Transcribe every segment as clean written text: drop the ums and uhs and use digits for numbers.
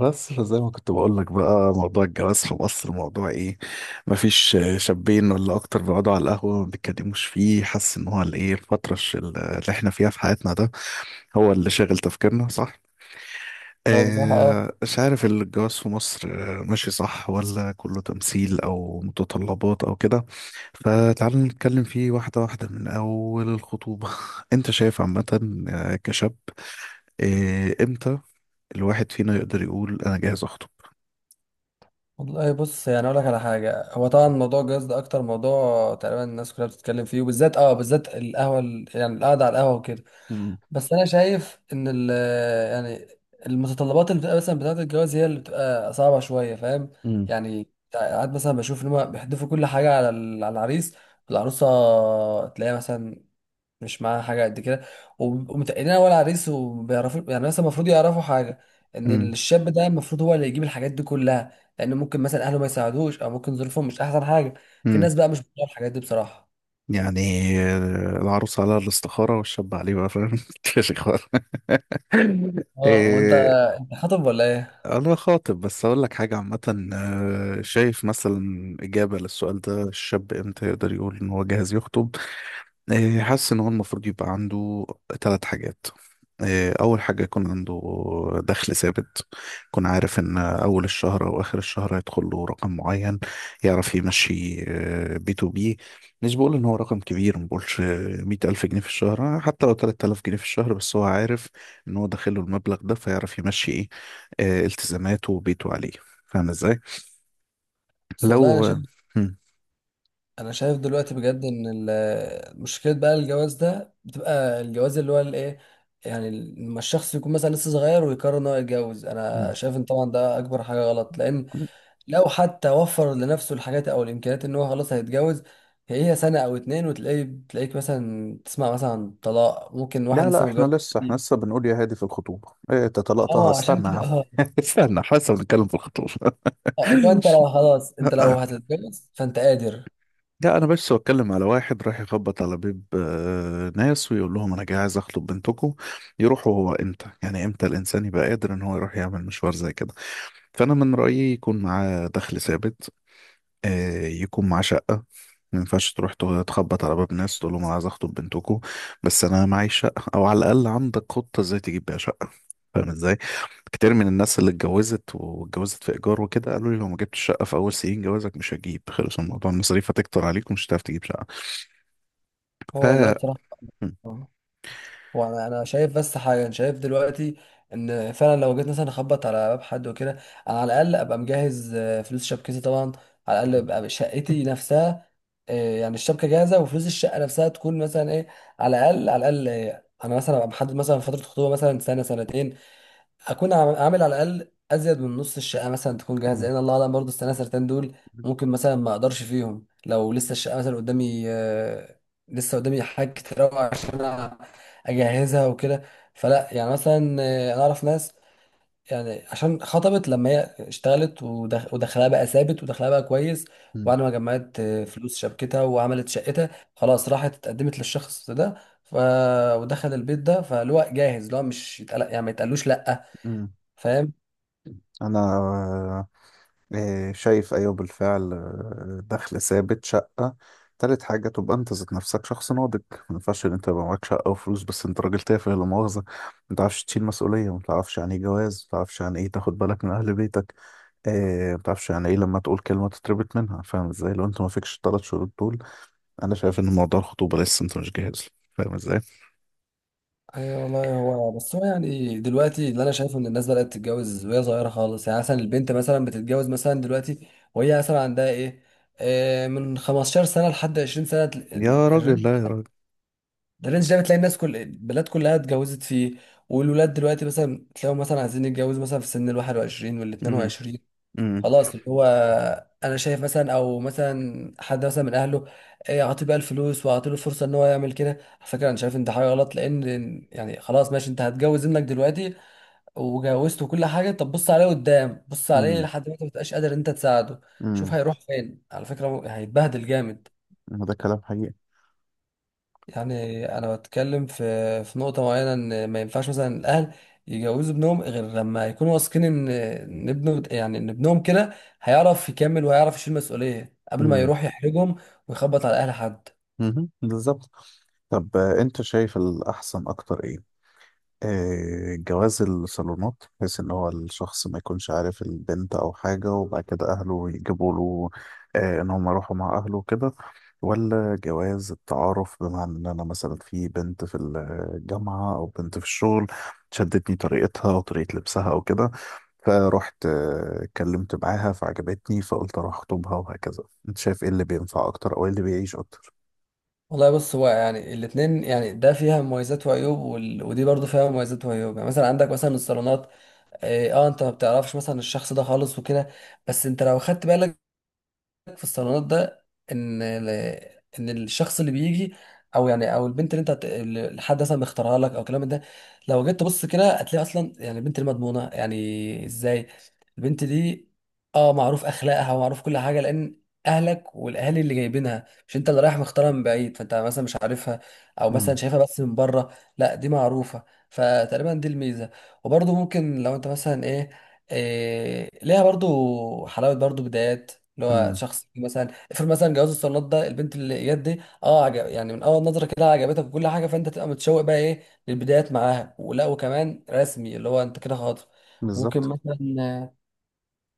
بس فزي ما كنت بقول لك، بقى موضوع الجواز في مصر موضوع ايه؟ مفيش شابين ولا اكتر بيقعدوا على القهوه ما بيتكلموش فيه، حاسس ان هو الايه، الفتره اللي احنا فيها في حياتنا ده هو اللي شاغل تفكيرنا، صح؟ هو بصراحة آه، مش عارف. الجواز في مصر. آه، ماشي، صح؟ ولا كله تمثيل او متطلبات او كده؟ فتعال نتكلم فيه واحده واحده من اول الخطوبه. انت شايف عامه؟ آه، كشاب. آه، امتى الواحد فينا يقدر يقول انا جاهز والله بص، يعني اقول لك على حاجة. هو طبعا اخطب؟ موضوع الجواز ده اكتر موضوع تقريبا الناس كلها بتتكلم فيه، وبالذات بالذات القهوة يعني القعدة على القهوة وكده. بس انا شايف ان يعني المتطلبات اللي بتبقى مثلا بتاعة الجواز هي اللي بتبقى صعبة شوية، فاهم؟ امم. يعني ساعات مثلا بشوف ان هم بيحدفوا كل حاجة على العريس، العروسة تلاقيها مثلا مش معاها حاجه قد كده، وبيبقوا متقلين على العريس. وبيعرفوا، يعني مثلا المفروض يعرفوا حاجه، ان امم. الشاب ده المفروض هو اللي يجيب الحاجات دي كلها، لان ممكن مثلا اهله ما يساعدوش، او ممكن ظروفهم مش احسن حاجه. في امم. ناس بقى مش بتطلع الحاجات دي بصراحه. يعني آه، العروس على الاستخارة والشاب عليه بقى، فاهم؟ الاستخارة. اه هو انت، إيه، انت خاطب ولا ايه؟ أنا خاطب، بس أقول لك حاجة عامة. آه، شايف مثلا إجابة للسؤال ده، الشاب إمتى يقدر يقول إن هو جاهز يخطب؟ إيه، حاسس ان هو المفروض يبقى عنده ثلاث حاجات. إيه، اول حاجه يكون عنده دخل ثابت، يكون عارف ان اول الشهر او اخر الشهر هيدخل له رقم معين، يعرف يمشي B2B. مش بقول ان هو رقم كبير، ما بقولش 100,000 جنيه في الشهر، حتى لو 3,000 جنيه في الشهر، بس هو عارف ان هو داخله المبلغ ده فيعرف يمشي ايه، آه، التزاماته وبيته عليه. فاهم ازاي؟ بس لو والله انا شايف، انا شايف دلوقتي بجد ان مشكله بقى الجواز ده بتبقى الجواز اللي هو الايه. يعني لما الشخص يكون مثلا لسه صغير ويقرر ان هو يتجوز، انا شايف ان طبعا ده اكبر حاجه غلط، لان مم. لو حتى وفر لنفسه الحاجات او الامكانيات ان هو خلاص هيتجوز، هي سنه او اتنين وتلاقيه تلاقيك مثلا تسمع مثلا عن طلاق، ممكن واحد لا لا، لسه احنا متجوز لسه احنا جديد. لسه بنقول يا هادي في الخطوبة، ايه انت طلقتها؟ اه عشان استنى يا عم. كده استنى، احنا لسه بنتكلم في الخطوبة. اللي هو انت لو خلاص، انت لو هتتجوز، فانت قادر. لا، انا بس بتكلم على واحد راح يخبط على بيب آه، ناس ويقول لهم انا جاي عايز اخطب بنتكم يروحوا. هو امتى، يعني امتى الانسان يبقى قادر ان هو يروح يعمل مشوار زي كده؟ فانا من رأيي يكون معاه دخل ثابت، آه، يكون معاه شقة. ما ينفعش تروح تخبط على باب ناس تقول لهم انا عايز اخطب بنتكم بس انا معي شقة، او على الاقل عندك خطة ازاي تجيب بيها شقة. فاهم ازاي؟ كتير من الناس اللي اتجوزت واتجوزت في ايجار وكده قالوا لي: لو ما جبتش شقه في اول سنين جوازك مش هجيب، خلص الموضوع، المصاريف هتكتر عليك ومش هتعرف تجيب شقه. ف هو والله بصراحه، م. هو انا شايف بس حاجه، انا شايف دلوقتي ان فعلا لو جيت مثلا اخبط على باب حد وكده، انا على الاقل ابقى مجهز فلوس شبكتي طبعا، على الاقل ابقى شقتي نفسها. يعني الشبكه جاهزه وفلوس الشقه نفسها تكون مثلا ايه، على الاقل انا مثلا ابقى محدد مثلا فتره خطوبه مثلا سنه سنتين، اكون عامل على الاقل ازيد من نص الشقه مثلا تكون جاهزه. م. لان الله اعلم، برضه استنى سرتان دول م. ممكن مثلا ما اقدرش فيهم، لو لسه الشقه مثلا قدامي. لسه قدامي حاجات كتير أوي عشان أنا اجهزها وكده. فلا يعني مثلا، انا اعرف ناس، يعني عشان خطبت لما هي اشتغلت ودخلها بقى ثابت ودخلها بقى كويس، م. وبعد ما جمعت فلوس شبكتها وعملت شقتها، خلاص راحت اتقدمت للشخص ده. ف... ودخل البيت ده، فاللي هو جاهز اللي هو مش يتقلق، يعني ما يتقلوش لا. م. فاهم؟ انا، إيه، شايف، أيوه بالفعل، آه، دخل ثابت، شقة. تالت حاجة تبقى أنت ذات نفسك شخص ناضج. ما ينفعش إن أنت يبقى معاك شقة وفلوس بس أنت راجل تافه، لا مؤاخذة. ما تعرفش تشيل مسؤولية، ما تعرفش يعني إيه جواز، ما تعرفش يعني إيه تاخد بالك من أهل بيتك، إيه، ما تعرفش يعني إيه لما تقول كلمة تتربط منها. فاهم إزاي؟ لو أنت ما فيكش التلات شروط دول، أنا شايف إن موضوع الخطوبة لسه أنت مش جاهز له. فاهم إزاي؟ ايوه والله، هو يعني دلوقتي اللي انا شايفه ان الناس بدات تتجوز وهي صغيره خالص. يعني مثلا البنت مثلا بتتجوز مثلا دلوقتي وهي مثلا عندها ايه، آه من 15 سنه لحد 20 سنه، يا الرينج راجل، لا يا راجل. ده، الرينج ده بتلاقي الناس كل البلاد كلها اتجوزت فيه. والولاد دلوقتي مثلا تلاقيهم مثلا عايزين يتجوزوا مثلا في سن ال 21 وال امم. 22. امم. خلاص، اللي هو انا شايف مثلا، او مثلا حد مثلا من اهله، إيه، اعطيه بقى الفلوس واعطيه له فرصه ان هو يعمل كده. على فكره انا شايف ان ده حاجه غلط، لان يعني خلاص ماشي انت هتجوز ابنك دلوقتي وجوزته كل حاجه، طب بص عليه قدام، بص عليه امم. لحد ما انت ما تبقاش قادر إن انت تساعده، شوف امم. هيروح فين. على فكره هو هيتبهدل جامد. ده كلام حقيقي. يعني انا بتكلم في نقطه معينه، ان ما ينفعش مثلا الاهل يجوزوا ابنهم غير لما يكونوا واثقين ان ابنه، يعني ان ابنهم كده هيعرف يكمل وهيعرف يشيل مسؤوليه قبل ما امم. يروح يحرجهم ويخبط على اهل حد. امم. بالظبط. طب آه، انت شايف الاحسن اكتر ايه، آه، جواز الصالونات بحيث ان هو الشخص ما يكونش عارف البنت او حاجة وبعد كده اهله يجيبوا له، آه، ان هم يروحوا مع اهله وكده؟ ولا جواز التعارف، بمعنى ان انا مثلا في بنت في الجامعة او بنت في الشغل شدتني طريقتها وطريقة لبسها او كده، فروحت آه، اتكلمت معاها فعجبتني فقلت اروح اخطبها وهكذا. انت شايف ايه اللي بينفع اكتر او ايه اللي بيعيش اكتر؟ والله بص، هو يعني الاتنين، يعني ده فيها مميزات وعيوب، ودي برضو فيها مميزات وعيوب. يعني مثلا عندك مثلا الصالونات، انت ما بتعرفش مثلا الشخص ده خالص وكده، بس انت لو خدت بالك في الصالونات ده، ان ال- ان الشخص اللي بيجي، او يعني او البنت اللي اللي الحد مثلا مختارها لك او كلام من ده، لو جيت تبص كده هتلاقي اصلا يعني البنت دي مضمونه. يعني ازاي؟ البنت دي اه معروف اخلاقها ومعروف كل حاجه، لان اهلك والاهالي اللي جايبينها، مش انت اللي رايح مختارها من بعيد فانت مثلا مش عارفها او مثلا امم. شايفها بس من بره. لا، دي معروفه. فتقريبا دي الميزه. وبرضه ممكن لو انت مثلا ايه، إيه، ليها برضو حلاوه، برضو بدايات. اللي هو امم. شخص مثلا افرض مثلا جواز الصالونات ده، البنت اللي جت دي اه عجب، يعني من اول نظره كده عجبتك وكل حاجه، فانت تبقى متشوق بقى ايه للبدايات معاها، ولا وكمان رسمي، اللي هو انت كده خاطب. ممكن بالظبط. مثلا،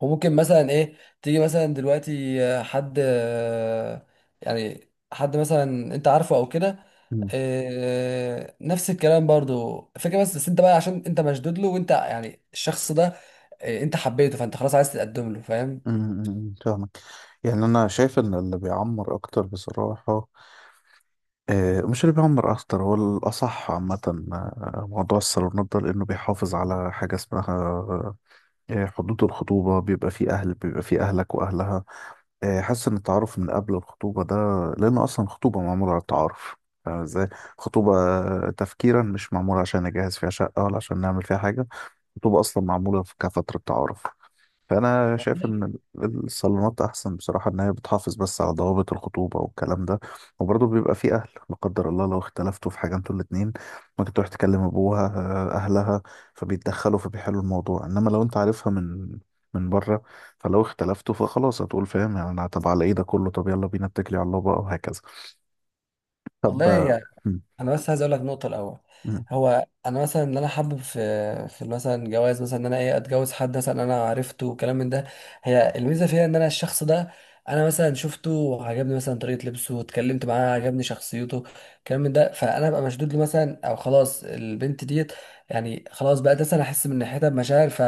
وممكن مثلا ايه، تيجي مثلا دلوقتي آه، حد آه، يعني حد مثلا انت عارفه او كده، نفس الكلام برضو فكرة، بس انت بقى عشان انت مشدود له، وانت يعني الشخص ده إيه، انت حبيته فانت خلاص عايز تقدم له. فاهم؟ أمم، فاهمك. يعني انا شايف ان اللي بيعمر اكتر بصراحه، آه، مش اللي بيعمر اكتر، هو الاصح عامه، آه، موضوع الصالونات ده لانه بيحافظ على حاجه اسمها آه، حدود الخطوبه. بيبقى فيه اهل، بيبقى فيه اهلك واهلها، آه، حاسس ان التعارف من قبل الخطوبه ده، لان اصلا الخطوبه معموله على التعارف. فاهم ازاي؟ خطوبه، آه، تفكيرا مش معموله عشان نجهز فيها شقه ولا عشان نعمل فيها حاجه. خطوبه اصلا معموله كفتره تعارف. فانا شايف والله ان الصالونات احسن بصراحه، ان هي بتحافظ بس على ضوابط الخطوبه والكلام ده. وبرضه بيبقى في اهل، لا قدر الله لو اختلفتوا في حاجه انتوا الاتنين، ممكن تروح تكلم ابوها، آه، اهلها، فبيتدخلوا فبيحلوا الموضوع. انما لو انت عارفها من بره، فلو اختلفتوا فخلاص هتقول فاهم يعني، انا طب على ايه ده كله، طب يلا بينا اتكلي على الله بقى، وهكذا. طب، آه، والله م- انا بس عايز اقول لك نقطه الاول. م- هو انا مثلا ان انا حابب في مثلا جواز مثلا، ان انا ايه اتجوز حد مثلا انا عرفته وكلام من ده، هي الميزه فيها ان انا الشخص ده انا مثلا شفته وعجبني مثلا طريقه لبسه، واتكلمت معاه عجبني شخصيته، كلام من ده، فانا ببقى مشدود له مثلا. او خلاص البنت ديت يعني خلاص بقى ده، انا احس من ناحيتها بمشاعر.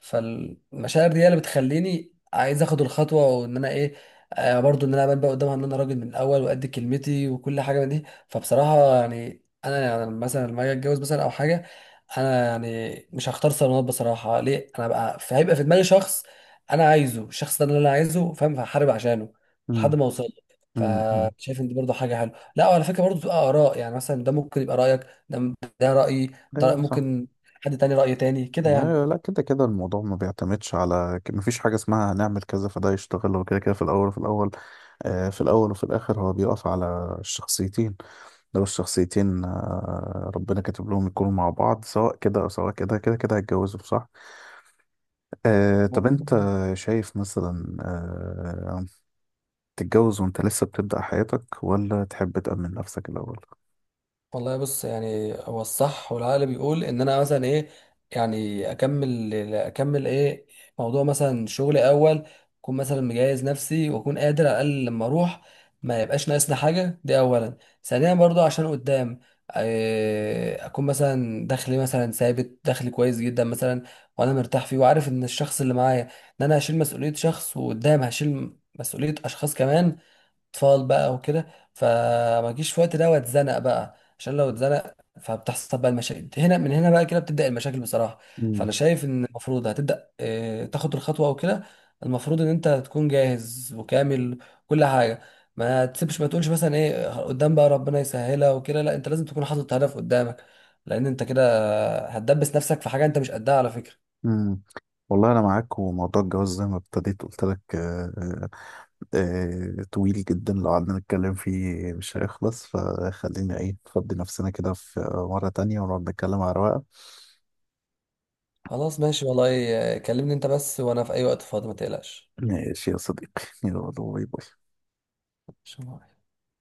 فالمشاعر دي هي اللي بتخليني عايز اخد الخطوه، وان انا ايه، آه برضو ان انا ابان بقى قدامها ان انا راجل من الاول، وقد كلمتي وكل حاجه من دي. فبصراحة يعني أنا يعني مثلا لما أجي أتجوز مثلا أو حاجة، أنا يعني مش هختار صالونات بصراحة. ليه؟ أنا بقى هيبقى في دماغي شخص أنا عايزه، الشخص ده اللي أنا عايزه، فاهم؟ فهحارب عشانه م- لحد ما أوصل له. م- م. فشايف إن دي برضه حاجة حلوة. لا، وعلى فكرة برضه بتبقى آراء، يعني مثلا ده ممكن يبقى رأيك. ده ده رأيي، ده ايوه صح. ممكن حد تاني رأي تاني كده. لا لا، كده كده الموضوع ما بيعتمدش، على ما فيش حاجة اسمها هنعمل كذا فده يشتغل. هو كده كده في الأول وفي الآخر هو بيقف على الشخصيتين. لو الشخصيتين ربنا كاتب لهم يكونوا مع بعض، سواء كده أو سواء كده، كده كده هيتجوزوا، صح. آه، طب أنت يعني شايف مثلا آه، تتجوز وأنت لسه بتبدأ حياتك، ولا تحب تأمن نفسك الأول؟ والله بص، يعني هو الصح والعقل بيقول ان انا مثلا ايه، يعني اكمل ايه، موضوع مثلا شغلي اول، اكون مثلا مجهز نفسي واكون قادر على الاقل لما اروح، ما يبقاش ناقصنا حاجه. دي اولا. ثانيا برضو عشان قدام، إيه، اكون مثلا دخلي مثلا ثابت، دخلي كويس جدا مثلا وانا مرتاح فيه، وعارف ان الشخص اللي معايا، ان انا هشيل مسؤوليه شخص، وقدام هشيل مسؤوليه اشخاص كمان، اطفال بقى وكده. فما اجيش في وقت ده واتزنق بقى، عشان لو اتزنق فبتحصل بقى المشاكل. من هنا بقى كده بتبدأ المشاكل بصراحة. مم. فانا شايف ان المفروض هتبدأ تاخد الخطوة او كده، المفروض ان انت تكون جاهز وكامل كل حاجة. ما تسيبش، ما تقولش مثلا ايه قدام بقى ربنا يسهلها وكده، لا انت لازم تكون حاطط هدف قدامك، لان انت كده هتدبس نفسك في حاجة انت مش قدها، على فكرة. مم. والله أنا معاك، وموضوع الجواز زي ما ابتديت قلت لك آه، طويل جدا، لو قعدنا نتكلم فيه مش هيخلص، فخلينا ايه نفضي نفسنا كده في مرة تانية ونقعد نتكلم على رواقة. خلاص ماشي والله، كلمني انت بس وانا في اي وقت فاضي، ما تقلقش. ماشي يا صديقي، يلا باي باي. شو رأيك؟